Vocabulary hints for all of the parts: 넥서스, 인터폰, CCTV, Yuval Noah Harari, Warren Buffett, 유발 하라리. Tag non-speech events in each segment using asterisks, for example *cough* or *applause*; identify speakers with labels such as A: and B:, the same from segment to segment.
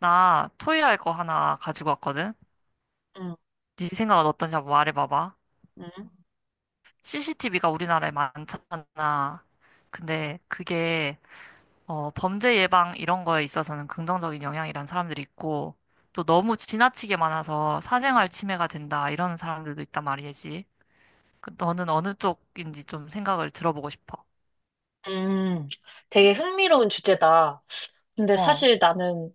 A: 나 토의할 거 하나 가지고 왔거든?
B: 음,
A: 네 생각은 어떤지 한번 말해봐봐.
B: 음,
A: CCTV가 우리나라에 많잖아. 근데 그게 범죄 예방 이런 거에 있어서는 긍정적인 영향이란 사람들이 있고 또 너무 지나치게 많아서 사생활 침해가 된다 이런 사람들도 있단 말이지. 그 너는 어느 쪽인지 좀 생각을 들어보고 싶어.
B: 음. 되게 흥미로운 주제다. 근데
A: 어,
B: 사실 나는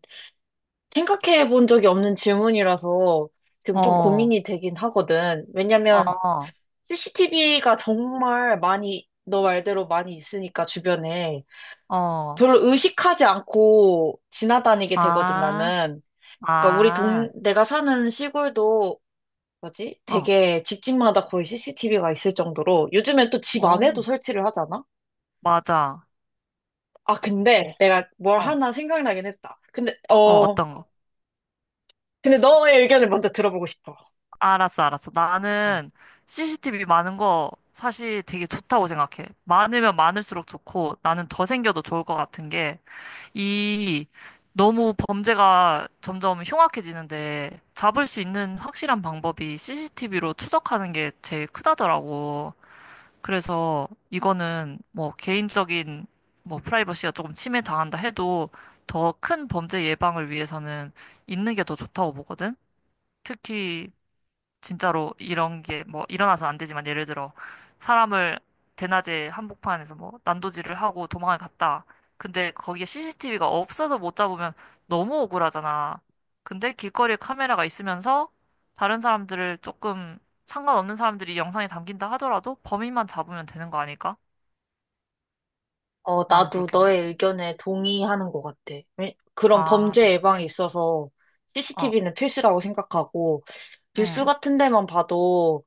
B: 생각해 본 적이 없는 질문이라서 지금 좀
A: 어,
B: 고민이 되긴 하거든. 왜냐면
A: 어,
B: CCTV가 정말 많이, 너 말대로 많이 있으니까 주변에
A: 어,
B: 별로 의식하지 않고 지나다니게 되거든,
A: 아,
B: 나는. 그러니까
A: 아,
B: 내가 사는 시골도 뭐지?
A: 어,
B: 되게 집집마다 거의 CCTV가 있을 정도로 요즘엔 또 집
A: 오,
B: 안에도 설치를 하잖아?
A: 맞아.
B: 아,
A: 음,
B: 근데 내가 뭘
A: 어,
B: 하나 생각나긴 했다.
A: 어, 어떤 거?
B: 근데 너의 의견을 먼저 들어보고 싶어.
A: 알았어, 알았어.
B: 응.
A: 나는 CCTV 많은 거 사실 되게 좋다고 생각해. 많으면 많을수록 좋고 나는 더 생겨도 좋을 것 같은 게 이 너무 범죄가 점점 흉악해지는데 잡을 수 있는 확실한 방법이 CCTV로 추적하는 게 제일 크다더라고. 그래서 이거는 뭐 개인적인 뭐 프라이버시가 조금 침해당한다 해도 더 큰 범죄 예방을 위해서는 있는 게 더 좋다고 보거든. 특히 진짜로 이런 게 뭐 일어나서 안 되지만 예를 들어 사람을 대낮에 한복판에서 뭐 난도질을 하고 도망을 갔다. 근데 거기에 CCTV가 없어서 못 잡으면 너무 억울하잖아. 근데 길거리에 카메라가 있으면서 다른 사람들을 조금 상관없는 사람들이 영상에 담긴다 하더라도 범인만 잡으면 되는 거 아닐까?
B: 어,
A: 나는
B: 나도
A: 그렇게 생각.
B: 너의 의견에 동의하는 것 같아. 그런
A: 아,
B: 범죄 예방에
A: 비슷해?
B: 있어서
A: 어,
B: CCTV는 필수라고 생각하고, 뉴스
A: 응,
B: 같은 데만 봐도,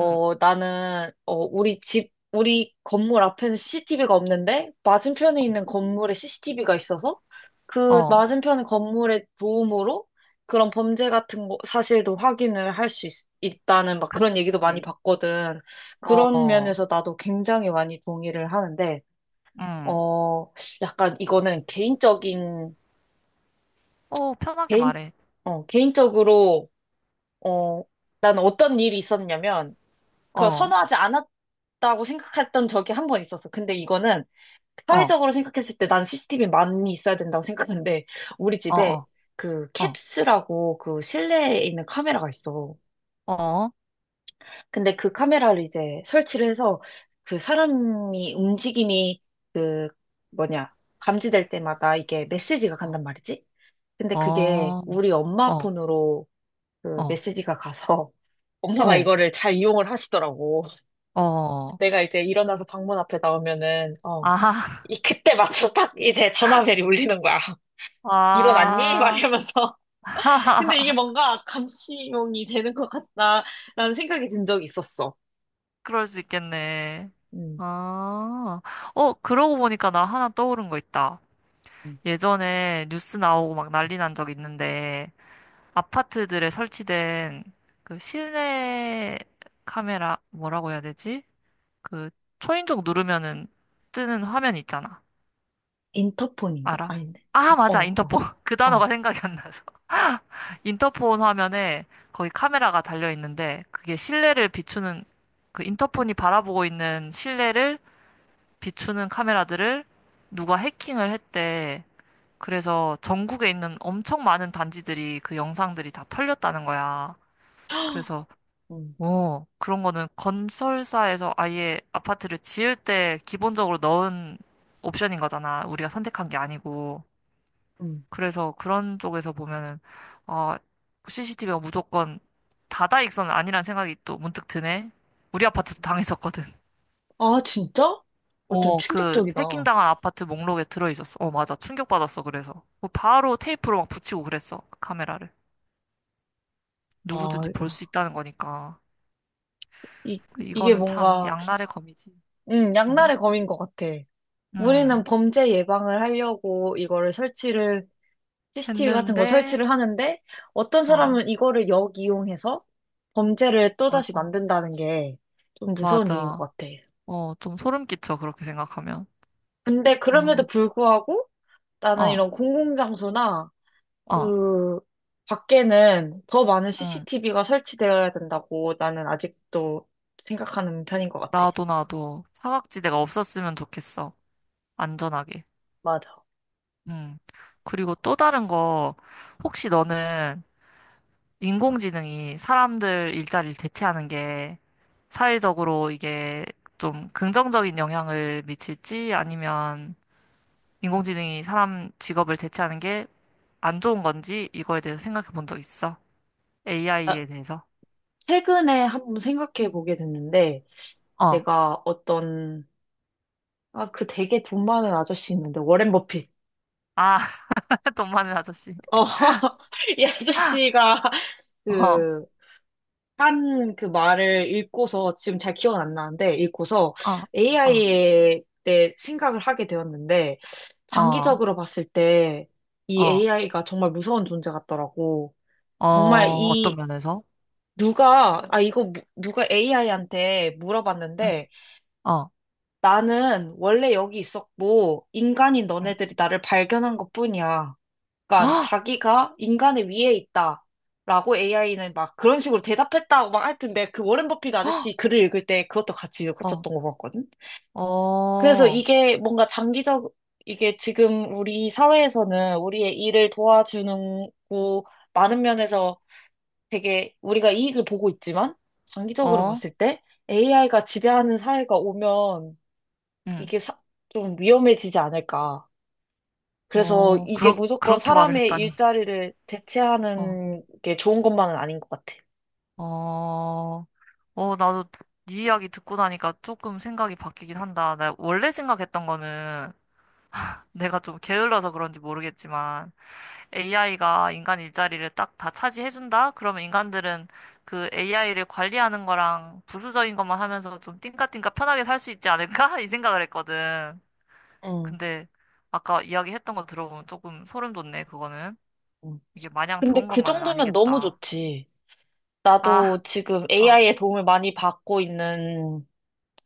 A: 응,
B: 나는, 우리 집, 우리 건물 앞에는 CCTV가 없는데, 맞은편에 있는 건물에 CCTV가 있어서, 그
A: 어,
B: 맞은편 건물의 도움으로 그런 범죄 같은 거, 사실도 확인을 할 수 있다는 막 그런 얘기도 많이
A: 그치.
B: 봤거든. 그런
A: 어,
B: 면에서 나도 굉장히 많이 동의를 하는데,
A: 응.
B: 어, 약간 이거는
A: 어, 편하게
B: 개인,
A: 말해.
B: 개인적으로, 어, 난 어떤 일이 있었냐면,
A: 어,
B: 그걸
A: 어,
B: 선호하지 않았다고 생각했던 적이 한 번 있었어. 근데 이거는
A: 어,
B: 사회적으로 생각했을 때 난 CCTV 많이 있어야 된다고 생각하는데, 우리
A: 어.
B: 집에 그
A: 어.
B: 캡스라고 그 실내에 있는 카메라가 있어.
A: 어,
B: 근데 그 카메라를 이제 설치를 해서 그 사람이 움직임이 그 뭐냐, 감지될 때마다 이게 메시지가
A: 어,
B: 간단 말이지? 근데 그게
A: 어,
B: 우리 엄마
A: 어,
B: 폰으로 그
A: 어,
B: 메시지가 가서 *laughs* 엄마가 이거를 잘 이용을 하시더라고. *laughs*
A: 어, 어.
B: 내가 이제 일어나서 방문 앞에 나오면은,
A: 아하,
B: 이 그때 맞춰 딱 이제 전화벨이 울리는 거야. *laughs* 일어났니? 막
A: 아,
B: 이러면서. *laughs* 근데 이게
A: *laughs*
B: 뭔가 감시용이 되는 것 같다라는 생각이 든 적이 있었어.
A: 그럴 수 있겠네.
B: 음,
A: 아, 어, 그러고 보니까 나 하나 떠오른 거 있다.
B: 음.
A: 예전에 뉴스 나오고 막 난리 난 적 있는데, 아파트들에 설치된 그 실내 카메라, 뭐라고 해야 되지? 그 초인종 누르면은 뜨는 화면 있잖아.
B: 인터폰인가?
A: 알아?
B: 아닌데.
A: 아,
B: 어,
A: 맞아.
B: 어,
A: 인터폰. *laughs* 그 단어가
B: 어.
A: 생각이 안 나서. 인터폰 화면에 거기 카메라가 달려 있는데 그게 실내를 비추는 그 인터폰이 바라보고 있는 실내를 비추는 카메라들을 누가 해킹을 했대. 그래서 전국에 있는 엄청 많은 단지들이 그 영상들이 다 털렸다는 거야. 그래서
B: 음,
A: 그런 거는 건설사에서 아예 아파트를 지을 때 기본적으로 넣은 옵션인 거잖아. 우리가 선택한 게 아니고.
B: 음.
A: 그래서 그런 쪽에서 보면은, 어 CCTV가 무조건 다다익선은 아니란 생각이 또 문득 드네. 우리 아파트도 당했었거든. *laughs*
B: 아, 진짜? 어, 좀
A: 어, 그
B: 충격적이다.
A: 해킹당한 아파트 목록에 들어있었어. 어, 맞아. 충격받았어, 그래서. 뭐 바로 테이프로 막 붙이고 그랬어, 그 카메라를.
B: 아,
A: 누구든지 볼 수 있다는 거니까.
B: 이,
A: 그
B: 이게
A: 이거는 참
B: 뭔가
A: 양날의 검이지.
B: 응
A: 응,
B: 양날의 검인 것 같아. 우리는
A: 응.
B: 범죄 예방을 하려고 CCTV 같은 거
A: 했는데,
B: 설치를 하는데, 어떤
A: 어,
B: 사람은 이거를 역이용해서 범죄를 또다시
A: 맞아.
B: 만든다는 게 좀 무서운 일인 것
A: 맞아.
B: 같아.
A: 어, 좀 소름 끼쳐, 그렇게 생각하면.
B: 근데
A: 어,
B: 그럼에도 불구하고 나는
A: 어,
B: 이런 공공장소나
A: 어,
B: 그 밖에는 더 많은
A: 응.
B: CCTV가 설치되어야 된다고 나는 아직도 생각하는 편인 것 같아.
A: 나도, 나도. 사각지대가 없었으면 좋겠어. 안전하게.
B: 맞아.
A: 음. 그리고 또 다른 거, 혹시 너는 인공지능이 사람들 일자리를 대체하는 게 사회적으로 이게 좀 긍정적인 영향을 미칠지 아니면 인공지능이 사람 직업을 대체하는 게 안 좋은 건지 이거에 대해서 생각해 본 적 있어?
B: 아,
A: AI에 대해서?
B: 최근에 한번 생각해 보게 됐는데,
A: 어.
B: 내가 어떤, 그 되게 돈 많은 아저씨 있는데, 워렌 버핏.
A: 아, *laughs* 돈 많은 아저씨.
B: 어, *laughs* 이 아저씨가
A: 어, 어,
B: 그, 한 그 말을 읽고서, 지금 잘 기억은 안 나는데, 읽고서
A: 어,
B: AI에 대해 생각을 하게 되었는데,
A: 어,
B: 장기적으로 봤을 때, 이
A: 어,
B: AI가 정말 무서운 존재 같더라고.
A: 어,
B: 정말
A: 어떤
B: 이,
A: 면에서?
B: 누가, 누가 AI한테
A: 응,
B: 물어봤는데,
A: 어,
B: 나는 원래 여기 있었고, 인간인
A: 응.
B: 너네들이 나를 발견한 것뿐이야. 그러니까
A: 헉!
B: 자기가 인간의 위에 있다. 라고 AI는 막 그런 식으로 대답했다고 막 하여튼 내가 그 워렌 버핏
A: 헉!
B: 아저씨 글을 읽을 때 그것도 같이
A: 어,
B: 읽었었던 것 같거든. 그래서
A: 어,
B: 이게 지금 우리 사회에서는 우리의 일을 도와주는 고 많은 면에서 되게 우리가 이익을 보고 있지만 장기적으로
A: 어,
B: 봤을 때 AI가 지배하는 사회가 오면
A: 응,
B: 이게 사- 좀 위험해지지 않을까. 그래서
A: 어,
B: 이게
A: 그렇,
B: 무조건
A: 그렇게 말을
B: 사람의
A: 했다니.
B: 일자리를
A: 어,
B: 대체하는 게 좋은 것만은 아닌 것 같아.
A: 어, 어, 나도 네 이야기 듣고 나니까 조금 생각이 바뀌긴 한다. 나 원래 생각했던 거는 내가 좀 게을러서 그런지 모르겠지만 AI가 인간 일자리를 딱 다 차지해준다? 그러면 인간들은 그 AI를 관리하는 거랑 부수적인 것만 하면서 좀 띵까띵까 편하게 살 수 있지 않을까? *laughs* 이 생각을 했거든.
B: 응,
A: 근데 아까 이야기했던 거 들어보면 조금 소름 돋네, 그거는.
B: 응,
A: 이게 마냥
B: 근데
A: 좋은
B: 그
A: 것만은
B: 정도면 너무
A: 아니겠다.
B: 좋지.
A: 아,
B: 나도 지금
A: 어,
B: AI의 도움을 많이 받고 있는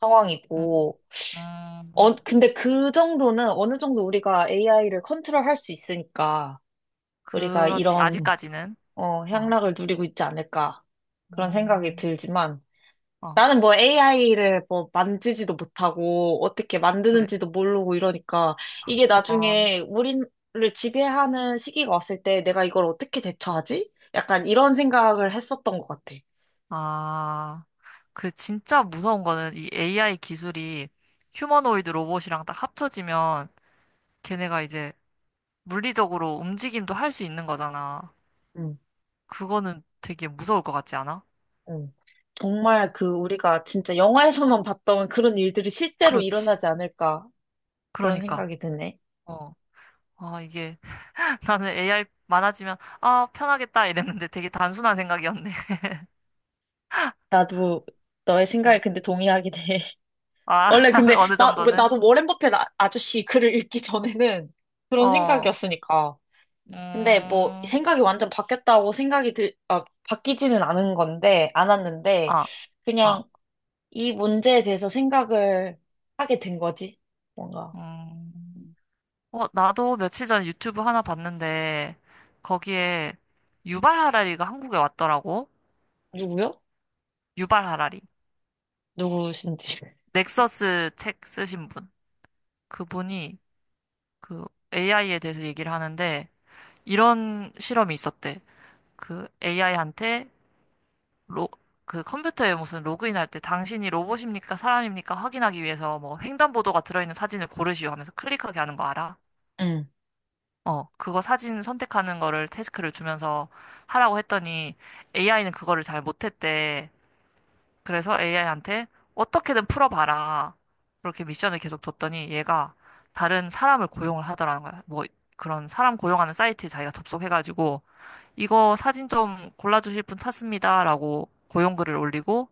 B: 상황이고,
A: 음, 음,
B: 근데 그 정도는 어느 정도 우리가 AI를 컨트롤할 수 있으니까 우리가
A: 그렇지,
B: 이런
A: 아직까지는. 어,
B: 향락을 누리고 있지 않을까 그런 생각이
A: 음,
B: 들지만
A: 어,
B: 나는 뭐 AI를 뭐 만지지도 못하고 어떻게
A: 그래.
B: 만드는지도 모르고 이러니까 이게
A: 어,
B: 나중에 우리를 지배하는 시기가 왔을 때 내가 이걸 어떻게 대처하지? 약간 이런 생각을 했었던 것 같아.
A: 아, 그 진짜 무서운 거는 이 AI 기술이 휴머노이드 로봇이랑 딱 합쳐지면 걔네가 이제 물리적으로 움직임도 할 수 있는 거잖아.
B: 응,
A: 그거는 되게 무서울 것 같지 않아?
B: 응. 정말 그 우리가 진짜 영화에서만 *laughs* 봤던 그런 일들이 실제로
A: 그렇지.
B: 일어나지 않을까 그런
A: 그러니까.
B: 생각이 드네.
A: 어, 아, 이게. 나는 AI 많아지면, 아, 편하겠다 이랬는데 되게 단순한 생각이었네.
B: 나도 너의
A: *laughs*
B: 생각에
A: 어.
B: 근데 동의하긴 해. *laughs*
A: 아,
B: 원래
A: *laughs*
B: 근데
A: 어느
B: 나
A: 정도는?
B: 나도 워렌 버핏 아저씨 글을 읽기 전에는 그런
A: 어,
B: 생각이었으니까. 근데 뭐
A: 음,
B: 생각이 완전 바뀌었다고 생각이 들, 아, 바뀌지는 않았는데,
A: 아, 아,
B: 그냥 이 문제에 대해서 생각을 하게 된 거지. 뭔가.
A: 음.
B: 음.
A: 어, 나도 며칠 전 유튜브 하나 봤는데, 거기에 유발 하라리가 한국에 왔더라고.
B: 누구요?
A: 유발 하라리.
B: 누구신지.
A: 넥서스 책 쓰신 분. 그분이 그 AI에 대해서 얘기를 하는데, 이런 실험이 있었대. 그 AI한테 로, 그 컴퓨터에 무슨 로그인할 때 당신이 로봇입니까? 사람입니까? 확인하기 위해서 뭐 횡단보도가 들어있는 사진을 고르시오 하면서 클릭하게 하는 거 알아?
B: 응.
A: 어, 그거 사진 선택하는 거를 태스크를 주면서 하라고 했더니 AI는 그거를 잘 못했대. 그래서 AI한테 어떻게든 풀어봐라. 그렇게 미션을 계속 줬더니 얘가 다른 사람을 고용을 하더라는 거야. 뭐 그런 사람 고용하는 사이트에 자기가 접속해가지고 이거 사진 좀 골라주실 분 찾습니다라고 고용글을 올리고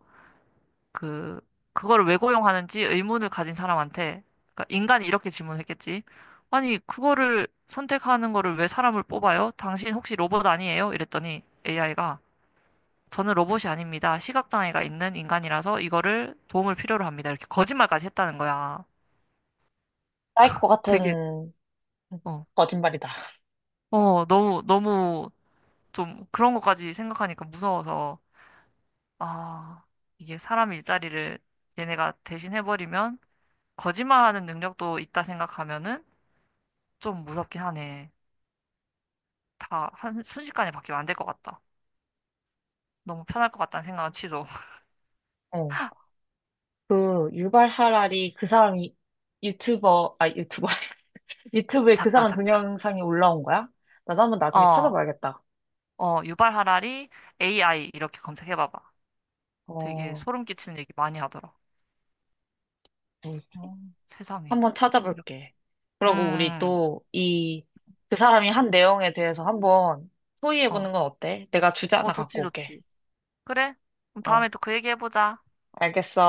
A: 그, 그거를 왜 고용하는지 의문을 가진 사람한테, 그러니까 인간이 이렇게 질문했겠지. 아니, 그거를 선택하는 거를 왜 사람을 뽑아요? 당신 혹시 로봇 아니에요? 이랬더니 AI가 저는 로봇이 아닙니다. 시각장애가 있는 인간이라서 이거를 도움을 필요로 합니다. 이렇게 거짓말까지 했다는 거야.
B: 사이코
A: 되게,
B: 같은
A: 어,
B: 거짓말이다.
A: 어, 너무, 너무 좀 그런 것까지 생각하니까 무서워서, 아, 이게 사람 일자리를 얘네가 대신 해버리면 거짓말하는 능력도 있다 생각하면은 좀 무섭긴 하네. 다 순식간에 바뀌면 안 될 것 같다. 너무 편할 것 같다는 생각은 취소. *laughs*
B: 어. 그 유발 하라리 그 사람이 유튜버, 아, 유튜버, *laughs* 유튜브에 그
A: 작가,
B: 사람
A: 작가.
B: 동영상이 올라온 거야? 나도 한번 나중에
A: 어,
B: 찾아봐야겠다.
A: 어, 유발 하라리 AI 이렇게 검색해봐봐. 되게
B: 어,
A: 소름 끼치는 얘기 많이 하더라. 어, 세상에.
B: 한번
A: 이렇게.
B: 찾아볼게. 그러고
A: 음,
B: 그 사람이 한 내용에 대해서 한번
A: 어,
B: 토의해보는 건 어때? 내가 주제
A: 어,
B: 하나
A: 좋지,
B: 갖고 올게.
A: 좋지. 그래? 그럼
B: 어,
A: 다음에 또 그 얘기 해보자.
B: 알겠어.